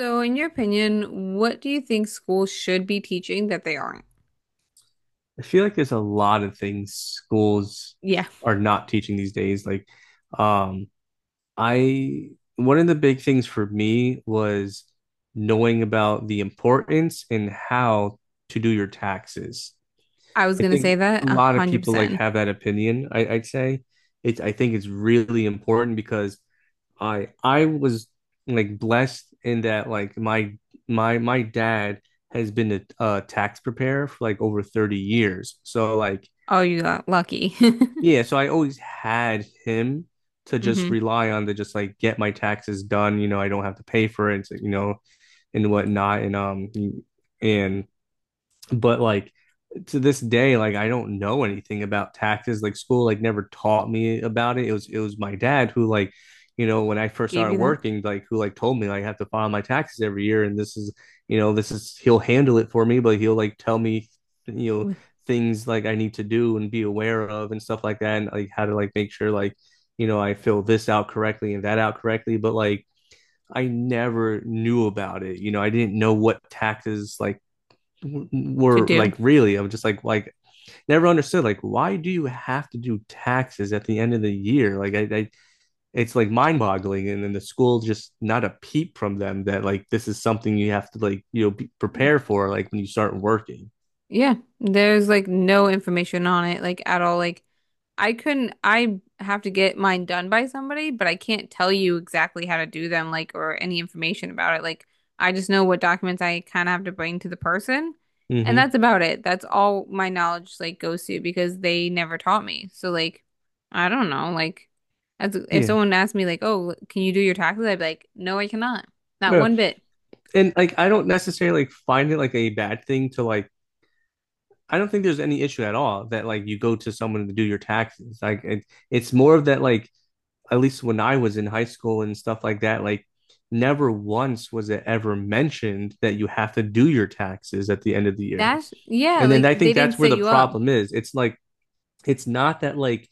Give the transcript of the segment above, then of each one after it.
So, in your opinion, what do you think schools should be teaching that they aren't? I feel like there's a lot of things schools Yeah, are not teaching these days. Like, um, I one of the big things for me was knowing about the importance and how to do your taxes. I was I gonna say think that a a lot of hundred people like percent. have that opinion. I'd say it's I think it's really important because I was like blessed in that like my dad has been a tax preparer for like over 30 years. So like Oh, you got lucky. yeah, so I always had him to just Hmm. rely on to just like get my taxes done. You know, I don't have to pay for it, and whatnot. And but like to this day, like I don't know anything about taxes. Like school, like never taught me about it. It was my dad who like, you know, when I first Gave started you that working, like who like told me like, I have to file my taxes every year, and this is he'll handle it for me, but he'll like tell me you know things like I need to do and be aware of and stuff like that, and like how to like make sure like I fill this out correctly and that out correctly. But like I never knew about it. You know, I didn't know what taxes like to were do. like really. I'm just like, never understood like why do you have to do taxes at the end of the year like I it's like mind boggling. And then the school just not a peep from them that like this is something you have to like be, prepare for like when you start working. Yeah, there's like no information on it, like at all. Like I couldn't, I have to get mine done by somebody, but I can't tell you exactly how to do them, like, or any information about it. Like, I just know what documents I kind of have to bring to the person, and Mm-hmm. that's about it. That's all my knowledge, like, goes to because they never taught me. So, like, I don't know. Like, as if Yeah, someone asked me, like, oh, can you do your taxes? I'd be like, no, I cannot. Not yeah, one bit. and like I don't necessarily like find it like a bad thing to like, I don't think there's any issue at all that like you go to someone to do your taxes. Like it's more of that like at least when I was in high school and stuff like that, like never once was it ever mentioned that you have to do your taxes at the end of the year. That's, yeah, And then like, I they think didn't that's where set the you up. problem is. It's like it's not that like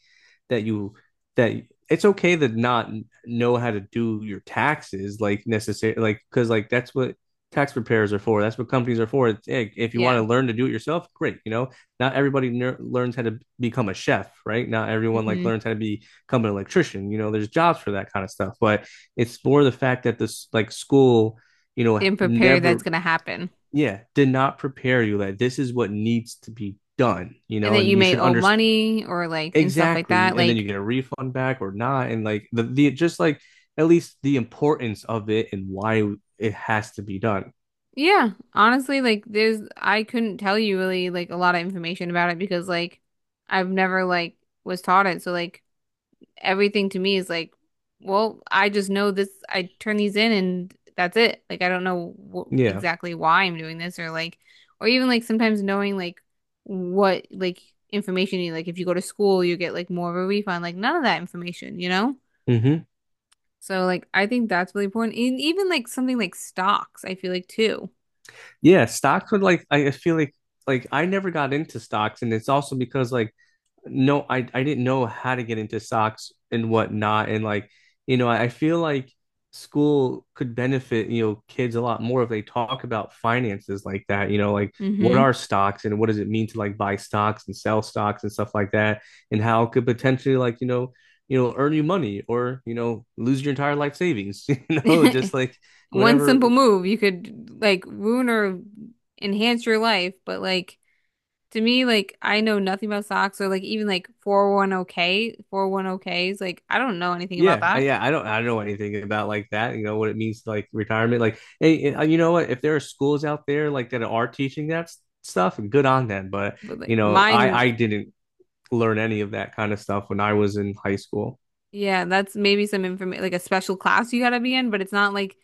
that you that it's okay to not know how to do your taxes like necessarily, like because like that's what tax preparers are for. That's what companies are for. Hey, if you want Yeah. to learn to do it yourself, great. You know, not everybody learns how to become a chef, right? Not everyone like Hmm. learns how to become an electrician. You know, there's jobs for that kind of stuff. But it's more the fact that this like school, you know, Didn't prepare you that's never, gonna happen. yeah, did not prepare you that this is what needs to be done. You And know, that and you you may should owe understand money or like and stuff like that. exactly. And then you Like, get a refund back or not, and like the just like at least the importance of it and why it has to be done. yeah, honestly, like there's I couldn't tell you really like a lot of information about it because like I've never like was taught it. So like everything to me is like, well, I just know this. I turn these in and that's it. Like I don't know wh Yeah. exactly why I'm doing this or like or even like sometimes knowing like what like information you like if you go to school you get like more of a refund. Like none of that information, you know? Hmm. So like I think that's really important. And even like something like stocks, I feel like too. Yeah, stocks would like I feel like I never got into stocks, and it's also because like no, I didn't know how to get into stocks and whatnot. And like, you know, I feel like school could benefit, you know, kids a lot more if they talk about finances like that, you know, like what Hmm. are stocks and what does it mean to like buy stocks and sell stocks and stuff like that, and how it could potentially like, you know, earn you money or, you know, lose your entire life savings, you know, just like One simple whatever. move, you could like ruin or enhance your life. But like to me, like I know nothing about stocks or like even like 401k, 401ks, like I don't know anything about Yeah, I, that. yeah, I don't, I don't know anything about like that. You know what it means, like retirement. Like, hey, and, you know what? If there are schools out there like that are teaching that stuff, good on them. But But you like know, I, mine, I didn't learn any of that kind of stuff when I was in high school. yeah, that's maybe some information like a special class you gotta be in, but it's not like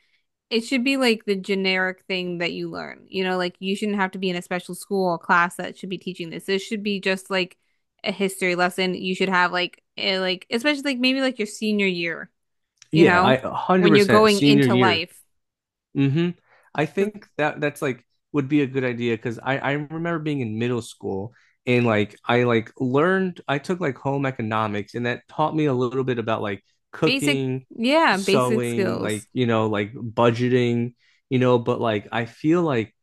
it should be like the generic thing that you learn. You know, like you shouldn't have to be in a special school or class that should be teaching this. This should be just like a history lesson. You should have like like especially like maybe like your senior year, you Yeah, know, I when you're 100% going senior into year. life. Hmm. I 'Cause think that that's like would be a good idea because I remember being in middle school, and like I took like home economics and that taught me a little bit about like basic, cooking, yeah, basic sewing, like skills, you know like budgeting, you know, but like I feel like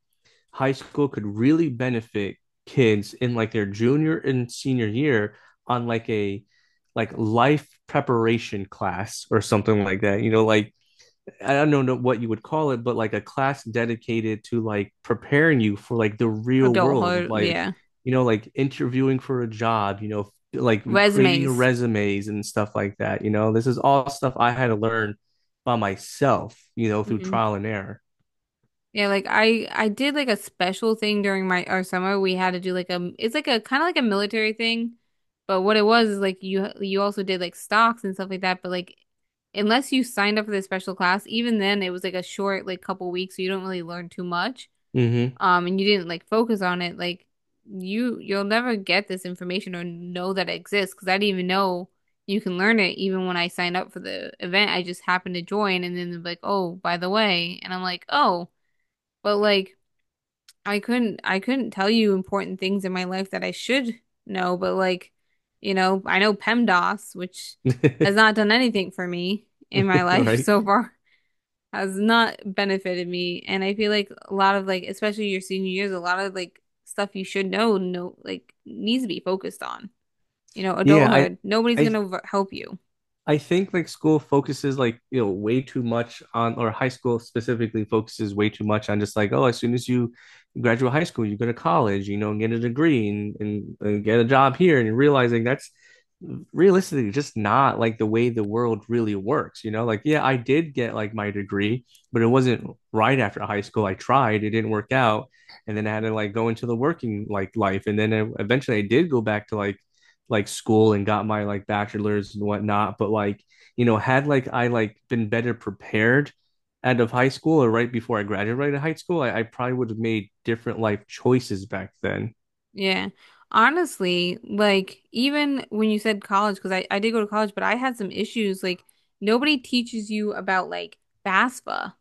high school could really benefit kids in like their junior and senior year on like a like life preparation class or something like that. You know, like I don't know what you would call it, but like a class dedicated to like preparing you for like the real world of adulthood, like, yeah. you know, like interviewing for a job, you know, like creating Resumes. resumes and stuff like that. You know, this is all stuff I had to learn by myself, you know, through Mhm. trial and error. Yeah, like I did like a special thing during my our summer. We had to do like a it's like a kind of like a military thing, but what it was is like you also did like stocks and stuff like that. But like unless you signed up for the special class, even then it was like a short like couple weeks, so you don't really learn too much. Mm-hmm. And you didn't like focus on it. Like you'll never get this information or know that it exists because I didn't even know you can learn it even when I signed up for the event. I just happened to join and then they're like, oh, by the way, and I'm like, oh. But like I couldn't tell you important things in my life that I should know, but like, you know, I know PEMDAS, which has not done anything for me in my life Right. so far, has not benefited me. And I feel like a lot of like, especially your senior years, a lot of like stuff you should know, no, like needs to be focused on. You know, Yeah. Adulthood, nobody's I gonna help you. I think like school focuses like you know way too much on, or high school specifically focuses way too much on just like, oh, as soon as you graduate high school you go to college, you know, and get a degree and get a job here, and you're realizing that's realistically just not like the way the world really works, you know. Like yeah, I did get like my degree, but it wasn't right after high school. I tried, it didn't work out, and then I had to like go into the working like life, and then eventually I did go back to like school and got my like bachelor's and whatnot. But like, you know, had like I like been better prepared out of high school or right before I graduated high school, I probably would have made different life choices back then. Yeah. Honestly, like even when you said college, because I did go to college, but I had some issues. Like nobody teaches you about like FAFSA,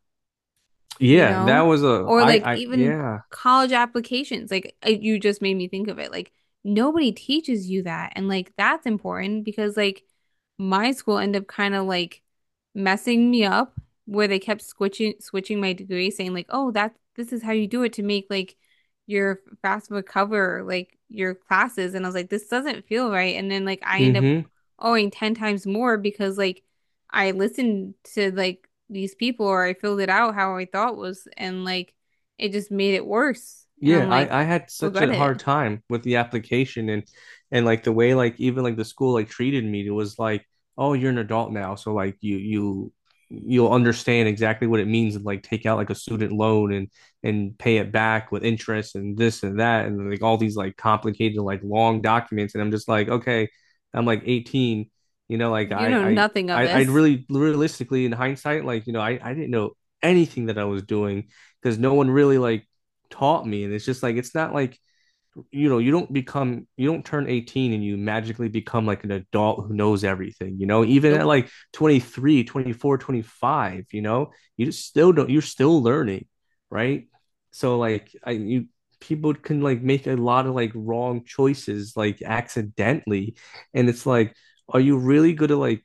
you Yeah, that know? was a Or like I, even yeah. college applications. Like you just made me think of it. Like nobody teaches you that. And like that's important because like my school ended up kind of like messing me up where they kept switching my degree saying like, "Oh, that this is how you do it to make like your FAFSA cover like your classes." And I was like, "This doesn't feel right." And then like I end up Mm-hmm. owing 10 times more because like I listened to like these people or I filled it out how I thought was and like it just made it worse. And Yeah, I'm like, I had such regret a hard it. time with the application, and like the way like even like the school like treated me, it was like, oh, you're an adult now, so like you you'll understand exactly what it means and like take out like a student loan and pay it back with interest and this and that and like all these like complicated like long documents, and I'm just like, okay, I'm like 18, you know, like You know I nothing of I I I this. really realistically in hindsight, like, you know, I didn't know anything that I was doing because no one really like taught me, and it's just like it's not like you know you don't become, you don't turn 18 and you magically become like an adult who knows everything, you know, even at Nope. like 23, 24, 25. You know, you just still don't, you're still learning, right? So like I you people can like make a lot of like wrong choices like accidentally, and it's like are you really good at like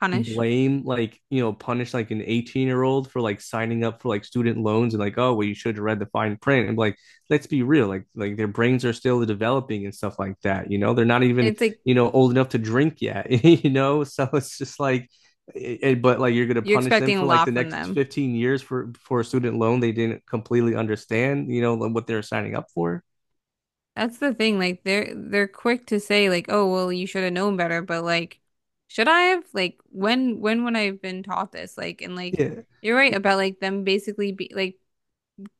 Punish. blame like you know punish like an 18-year-old for like signing up for like student loans and like, oh well, you should have read the fine print, and like let's be real, like their brains are still developing and stuff like that, you know, they're not And even it's like you know old enough to drink yet you know, so it's just like but like you're going to you're punish them expecting a for like lot the from next them. 15 years for a student loan they didn't completely understand, you know, like, what they're signing up for. That's the thing. Like they're quick to say like, oh well you should have known better, but like should I have? Like when would I have been taught this? Like and like Yeah. you're right about like them basically be like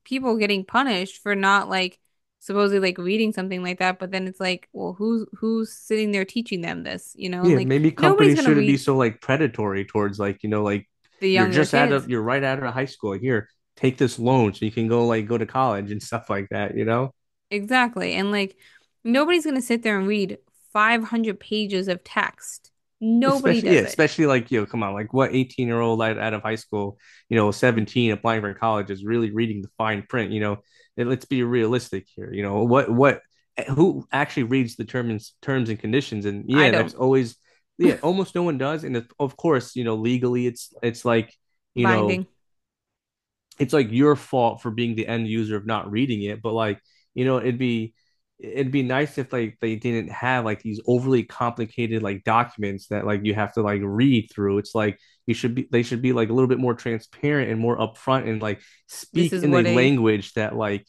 people getting punished for not like supposedly like reading something like that, but then it's like, well, who's sitting there teaching them this, you know? And Yeah, like maybe nobody's companies gonna shouldn't be read so like predatory towards like, you know, like the you're younger just out kids. of, you're right out of high school. Here, take this loan so you can go like go to college and stuff like that, you know? Exactly. And like nobody's gonna sit there and read 500 pages of text. Nobody Especially yeah, does it. especially like, you know, come on, like what 18-year-old out of high school, you know, 17 applying for college is really reading the fine print, you know. And let's be realistic here. You know, what who actually reads the terms and conditions? And I yeah, that's don't. always yeah, almost no one does. And of course, you know, legally it's like, you know, Binding. it's like your fault for being the end user of not reading it, but like, you know, it'd be nice if like they didn't have like these overly complicated like documents that like you have to like read through. It's like you should be they should be like a little bit more transparent and more upfront and like This speak is in a what a language that like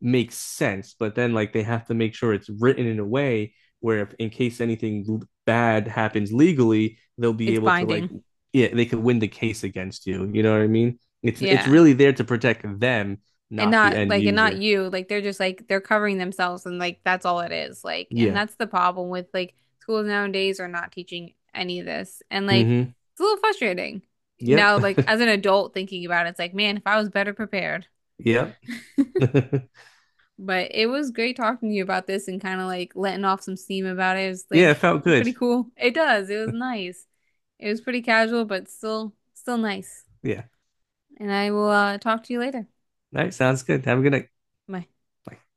makes sense, but then like they have to make sure it's written in a way where if in case anything bad happens legally, they'll be it's able to like binding. yeah, they could win the case against you. You know what I mean? It's Yeah. really there to protect them, And not the not end like and not user. you like they're just like they're covering themselves and like that's all it is like and Yeah. that's the problem with like schools nowadays are not teaching any of this and like Mm-hmm. it's a little frustrating Yep. now like as an adult thinking about it it's like man if I was better prepared Yep. Yeah, but it was great talking to you about this and kind of like letting off some steam about it it was it like felt good. pretty cool it does it was nice it was pretty casual but still nice Yeah. and I will talk to you later. All right, sounds good. Have a good night. Bye. Bye.